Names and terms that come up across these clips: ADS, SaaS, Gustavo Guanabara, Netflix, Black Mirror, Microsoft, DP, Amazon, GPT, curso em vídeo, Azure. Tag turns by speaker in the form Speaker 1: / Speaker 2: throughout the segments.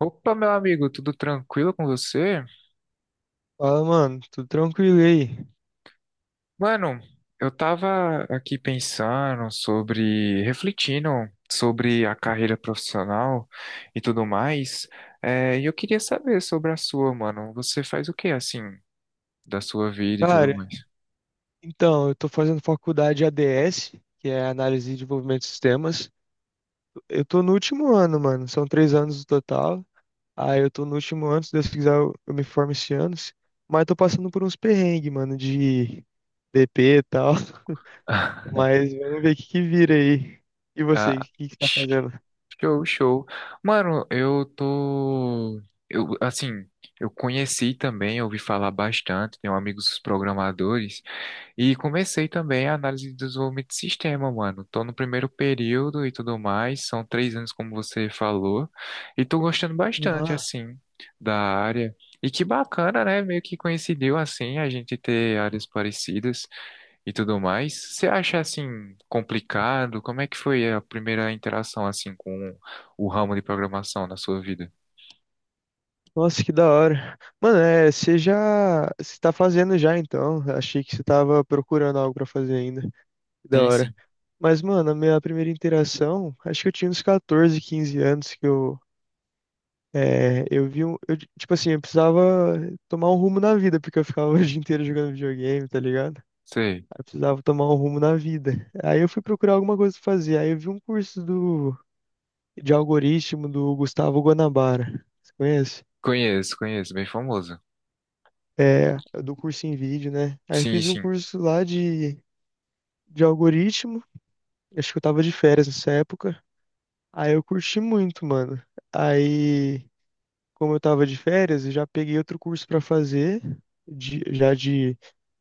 Speaker 1: Opa, meu amigo, tudo tranquilo com você?
Speaker 2: Fala, mano, tudo tranquilo e aí?
Speaker 1: Mano, eu tava aqui pensando sobre, refletindo sobre a carreira profissional e tudo mais. É, e eu queria saber sobre a sua, mano. Você faz o que assim da sua vida e tudo
Speaker 2: Cara,
Speaker 1: mais?
Speaker 2: então, eu tô fazendo faculdade de ADS, que é Análise e Desenvolvimento de Sistemas. Eu tô no último ano, mano, são 3 anos no total. Aí eu tô no último ano, se Deus quiser eu me formo esse ano. Mas tô passando por uns perrengues, mano, de DP e tal. Mas vamos ver o que que vira aí. E você,
Speaker 1: Ah,
Speaker 2: o que que tá fazendo?
Speaker 1: show, show. Mano, eu tô, eu assim, eu conheci também, ouvi falar bastante, tenho amigos programadores. E comecei também a análise de desenvolvimento de sistema, mano. Tô no primeiro período e tudo mais. São três anos, como você falou. E tô gostando bastante,
Speaker 2: Ah,
Speaker 1: assim, da área. E que bacana, né? Meio que coincidiu, assim, a gente ter áreas parecidas e tudo mais. Você acha, assim, complicado? Como é que foi a primeira interação, assim, com o ramo de programação na sua vida?
Speaker 2: nossa, que da hora. Mano, é, você tá fazendo já então? Achei que você tava procurando algo pra fazer ainda. Que da
Speaker 1: Sim, sim.
Speaker 2: hora. Mas, mano, a minha primeira interação, acho que eu tinha uns 14, 15 anos que eu tipo assim, eu precisava tomar um rumo na vida, porque eu ficava o dia inteiro jogando videogame, tá ligado?
Speaker 1: Sei.
Speaker 2: Aí eu precisava tomar um rumo na vida. Aí eu fui procurar alguma coisa pra fazer. Aí eu vi um curso de algoritmo do Gustavo Guanabara. Você conhece?
Speaker 1: Conheço, conheço. Bem famoso.
Speaker 2: É, do curso em vídeo, né? Aí eu
Speaker 1: Sim,
Speaker 2: fiz um
Speaker 1: sim.
Speaker 2: curso lá de algoritmo. Acho que eu tava de férias nessa época. Aí eu curti muito, mano. Aí, como eu tava de férias, eu já peguei outro curso pra fazer, já de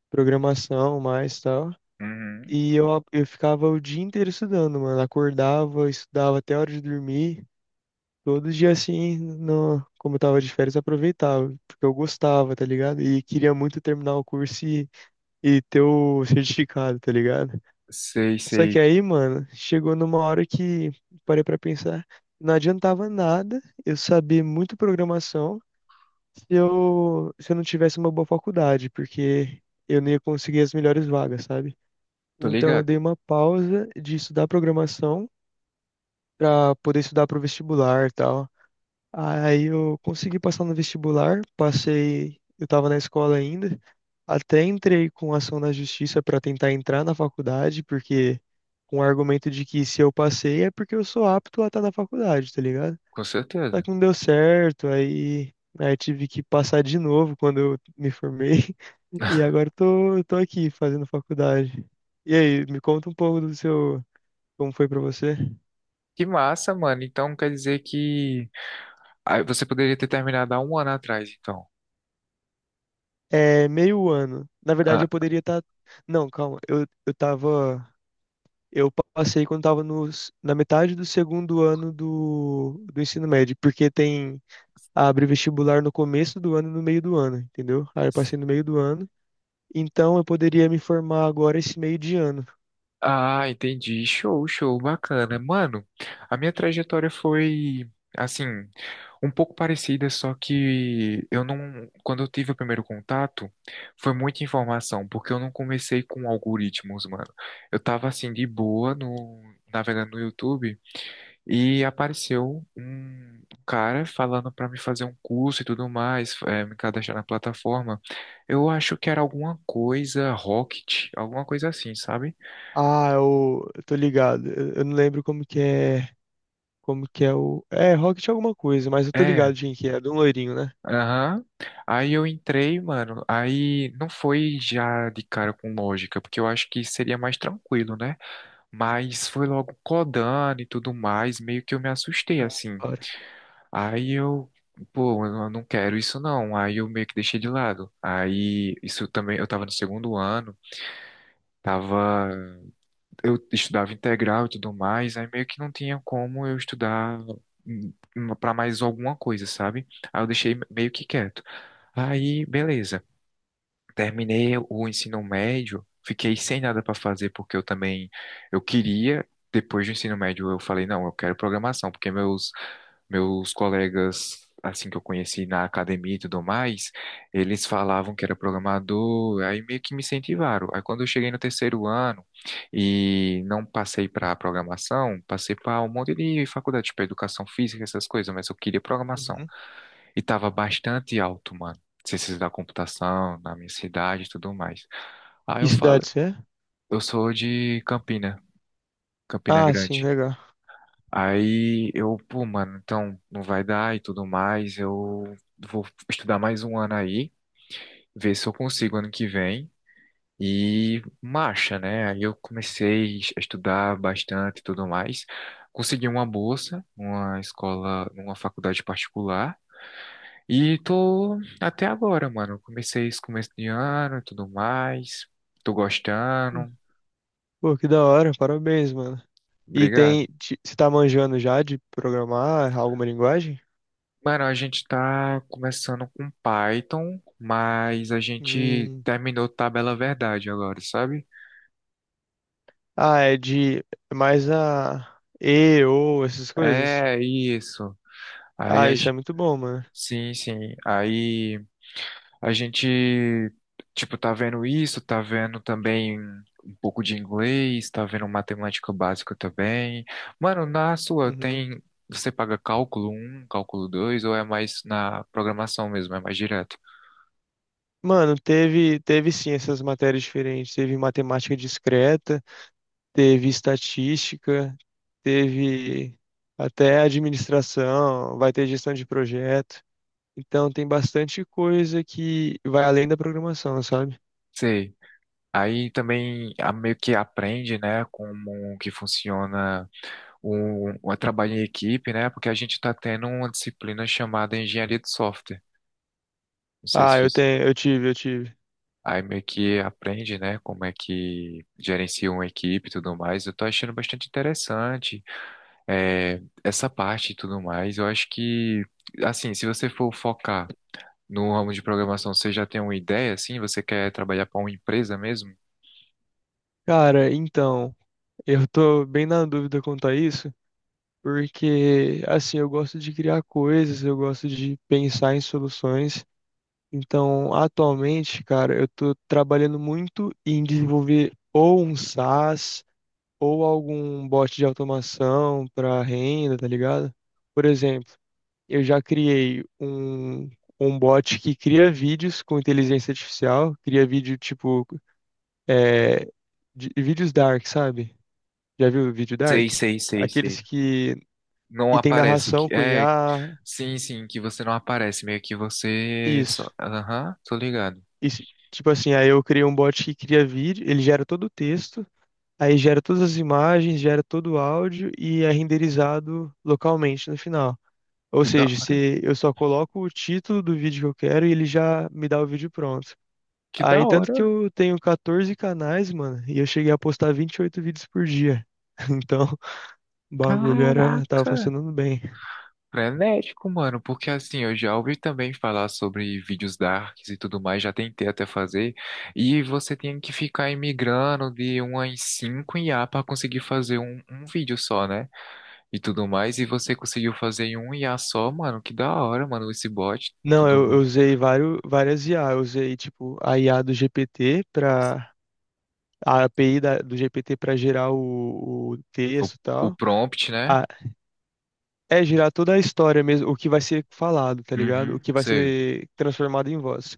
Speaker 2: programação mais tal.
Speaker 1: Uhum.
Speaker 2: E eu ficava o dia inteiro estudando, mano. Acordava, estudava até a hora de dormir. Todo dia assim, no, como eu tava de férias, eu aproveitava, porque eu gostava, tá ligado? E queria muito terminar o curso e ter o certificado, tá ligado?
Speaker 1: Sei,
Speaker 2: Só que
Speaker 1: sei.
Speaker 2: aí, mano, chegou numa hora que parei pra pensar, não adiantava nada eu saber muito programação se eu não tivesse uma boa faculdade, porque eu não ia conseguir as melhores vagas, sabe?
Speaker 1: Tô
Speaker 2: Então eu
Speaker 1: ligado.
Speaker 2: dei uma pausa de estudar programação pra poder estudar pro vestibular e tal. Aí eu consegui passar no vestibular, passei, eu estava na escola ainda, até entrei com ação na justiça para tentar entrar na faculdade, porque com o argumento de que se eu passei é porque eu sou apto a estar na faculdade, tá ligado?
Speaker 1: Com
Speaker 2: Só
Speaker 1: certeza.
Speaker 2: que não deu certo, aí tive que passar de novo quando eu me formei, e agora eu tô aqui fazendo faculdade. E aí, me conta um pouco do seu, como foi para você?
Speaker 1: Que massa, mano. Então quer dizer que ah, você poderia ter terminado há um ano atrás, então.
Speaker 2: É, meio ano. Na verdade,
Speaker 1: Ah,
Speaker 2: eu poderia estar. Não, calma. Eu tava. Eu passei quando tava no, s- na metade do segundo ano do ensino médio, porque tem. Abre vestibular no começo do ano e no meio do ano, entendeu? Aí eu
Speaker 1: s-
Speaker 2: passei no meio do ano. Então eu poderia me formar agora esse meio de ano.
Speaker 1: ah, entendi. Show, show, bacana. Mano, a minha trajetória foi assim, um pouco parecida, só que eu não, quando eu tive o primeiro contato, foi muita informação, porque eu não comecei com algoritmos, mano. Eu tava assim de boa no navegando no YouTube. E apareceu um cara falando para me fazer um curso e tudo mais, me cadastrar na plataforma. Eu acho que era alguma coisa Rocket, alguma coisa assim, sabe?
Speaker 2: Ah, eu tô ligado. Eu não lembro como que é. Como que é o. É, Rocket alguma coisa, mas eu tô
Speaker 1: É,
Speaker 2: ligado de quem que é. De um loirinho, né?
Speaker 1: aham. Aí eu entrei, mano. Aí não foi já de cara com lógica, porque eu acho que seria mais tranquilo, né? Mas foi logo codando e tudo mais, meio que eu me assustei
Speaker 2: Ah, da
Speaker 1: assim.
Speaker 2: hora.
Speaker 1: Aí eu, pô, eu não quero isso não. Aí eu meio que deixei de lado. Aí isso também, eu tava no segundo ano, tava, eu estudava integral e tudo mais, aí meio que não tinha como eu estudar hum, pra mais alguma coisa, sabe? Aí eu deixei meio que quieto. Aí, beleza. Terminei o ensino médio, fiquei sem nada pra fazer porque eu também eu queria. Depois do ensino médio, eu falei, não, eu quero programação, porque meus colegas, assim que eu conheci na academia e tudo mais, eles falavam que era programador, aí meio que me incentivaram. Aí quando eu cheguei no terceiro ano e não passei para programação, passei para um monte de faculdade, tipo educação física, essas coisas, mas eu queria programação.
Speaker 2: Uhum.
Speaker 1: E tava bastante alto, mano, ciências da computação, na minha cidade e tudo mais. Aí
Speaker 2: Que
Speaker 1: eu falo,
Speaker 2: cidade você é?
Speaker 1: eu sou de Campina, Campina
Speaker 2: Ah, sim,
Speaker 1: Grande.
Speaker 2: legal.
Speaker 1: Aí eu, pô, mano, então não vai dar e tudo mais. Eu vou estudar mais um ano aí, ver se eu consigo ano que vem. E marcha, né? Aí eu comecei a estudar bastante e tudo mais. Consegui uma bolsa, uma escola, numa faculdade particular. E tô até agora, mano. Comecei esse começo de ano e tudo mais. Tô gostando.
Speaker 2: Pô, que da hora, parabéns, mano. E
Speaker 1: Obrigado.
Speaker 2: você tá manjando já de programar alguma linguagem?
Speaker 1: Mano, a gente tá começando com Python, mas a gente
Speaker 2: Hum.
Speaker 1: terminou Tabela Verdade agora, sabe?
Speaker 2: Ah, é de é mais a E, ou essas coisas.
Speaker 1: É isso. Aí
Speaker 2: Ah,
Speaker 1: a,
Speaker 2: isso é
Speaker 1: gen-
Speaker 2: muito bom, mano.
Speaker 1: sim, sim. Aí a gente tipo tá vendo isso, tá vendo também um pouco de inglês, tá vendo matemática básica também. Mano, na sua
Speaker 2: Uhum.
Speaker 1: tem você paga cálculo um, cálculo 2 ou é mais na programação mesmo, é mais direto?
Speaker 2: Mano, teve sim essas matérias diferentes. Teve matemática discreta, teve estatística, teve até administração, vai ter gestão de projeto. Então tem bastante coisa que vai além da programação, sabe?
Speaker 1: Sei. Aí também meio que aprende, né, como que funciona o trabalho em equipe, né, porque a gente está tendo uma disciplina chamada Engenharia de Software. Não sei se
Speaker 2: Ah, eu
Speaker 1: você...
Speaker 2: tenho, eu tive.
Speaker 1: Aí meio que aprende, né, como é que gerencia uma equipe e tudo mais. Eu tô achando bastante interessante, é, essa parte e tudo mais. Eu acho que, assim, se você for focar no ramo de programação, você já tem uma ideia, assim? Você quer trabalhar para uma empresa mesmo?
Speaker 2: Cara, então, eu tô bem na dúvida quanto a isso, porque assim, eu gosto de criar coisas, eu gosto de pensar em soluções. Então, atualmente, cara, eu tô trabalhando muito em desenvolver ou um SaaS ou algum bot de automação para renda, tá ligado? Por exemplo, eu já criei um bot que cria vídeos com inteligência artificial, cria vídeo tipo eh, vídeos dark, sabe? Já viu o vídeo
Speaker 1: Sei,
Speaker 2: dark?
Speaker 1: sei, sei, sei.
Speaker 2: Aqueles que,
Speaker 1: Não
Speaker 2: que tem
Speaker 1: aparece.
Speaker 2: narração com
Speaker 1: É,
Speaker 2: IA.
Speaker 1: sim, sim, que você não aparece, meio que você só.
Speaker 2: Isso.
Speaker 1: Aham, tô ligado.
Speaker 2: Isso. Tipo assim, aí eu criei um bot que cria vídeo, ele gera todo o texto, aí gera todas as imagens, gera todo o áudio e é renderizado localmente no final. Ou
Speaker 1: Que da,
Speaker 2: seja, se eu só coloco o título do vídeo que eu quero e ele já me dá o vídeo pronto.
Speaker 1: que da
Speaker 2: Aí, tanto que
Speaker 1: hora.
Speaker 2: eu tenho 14 canais, mano, e eu cheguei a postar 28 vídeos por dia. Então, o bagulho era, tava
Speaker 1: Caraca,
Speaker 2: funcionando bem.
Speaker 1: frenético, mano, porque assim, eu já ouvi também falar sobre vídeos darks e tudo mais, já tentei até fazer, e você tem que ficar imigrando de uma em cinco 5 a pra conseguir fazer um, vídeo só, né? E tudo mais, e você conseguiu fazer em um I a só, mano, que da hora, mano, esse bot,
Speaker 2: Não,
Speaker 1: tudo
Speaker 2: eu,
Speaker 1: mais.
Speaker 2: eu usei vários, várias IA. Eu usei, tipo, a IA do GPT para a API do GPT para gerar o
Speaker 1: O,
Speaker 2: texto e
Speaker 1: o
Speaker 2: tal.
Speaker 1: prompt, né?
Speaker 2: Ah, é gerar toda a história mesmo, o que vai ser falado, tá ligado? O
Speaker 1: Uhum,
Speaker 2: que vai
Speaker 1: sei.
Speaker 2: ser transformado em voz.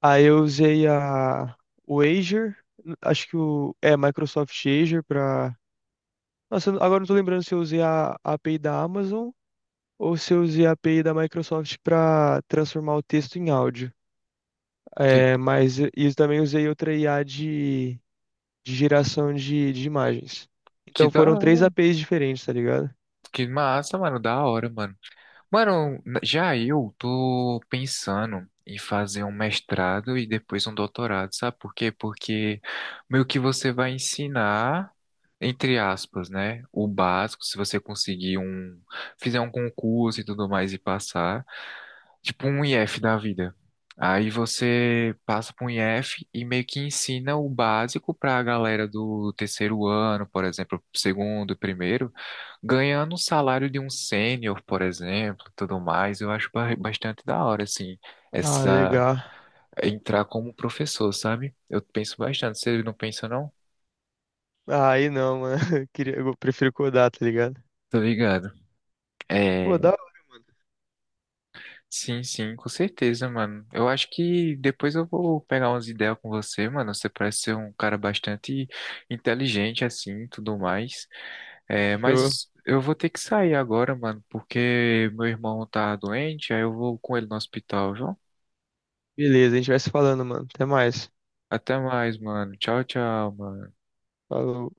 Speaker 2: Aí eu usei a o Azure, acho que o é Microsoft Azure para. Nossa, agora eu não tô lembrando se eu usei a API da Amazon ou se eu usei a API da Microsoft para transformar o texto em áudio.
Speaker 1: Que,
Speaker 2: É, mas eu também usei outra IA de geração de imagens.
Speaker 1: que
Speaker 2: Então
Speaker 1: da
Speaker 2: foram três APIs diferentes, tá ligado?
Speaker 1: Que massa, mano, da hora, mano. Mano, já eu tô pensando em fazer um mestrado e depois um doutorado, sabe por quê? Porque meio que você vai ensinar, entre aspas, né, o básico, se você conseguir um, fizer um concurso e tudo mais e passar tipo um IF da vida. Aí você passa para um IF e meio que ensina o básico para a galera do terceiro ano, por exemplo, segundo, primeiro, ganhando o salário de um sênior, por exemplo, tudo mais. Eu acho bastante da hora, assim,
Speaker 2: Ah,
Speaker 1: essa
Speaker 2: legal.
Speaker 1: entrar como professor, sabe? Eu penso bastante. Você não pensa, não?
Speaker 2: Ah, aí não, mano. Eu queria, eu prefiro codar, tá ligado?
Speaker 1: Tô ligado.
Speaker 2: Pô,
Speaker 1: É,
Speaker 2: da hora, mano.
Speaker 1: sim, sim, com certeza, mano. Eu acho que depois eu vou pegar umas ideias com você, mano. Você parece ser um cara bastante inteligente, assim, e tudo mais. É,
Speaker 2: Show.
Speaker 1: mas eu vou ter que sair agora, mano, porque meu irmão tá doente, aí eu vou com ele no hospital, viu?
Speaker 2: Beleza, a gente vai se falando, mano. Até mais.
Speaker 1: Até mais, mano. Tchau, tchau, mano.
Speaker 2: Falou.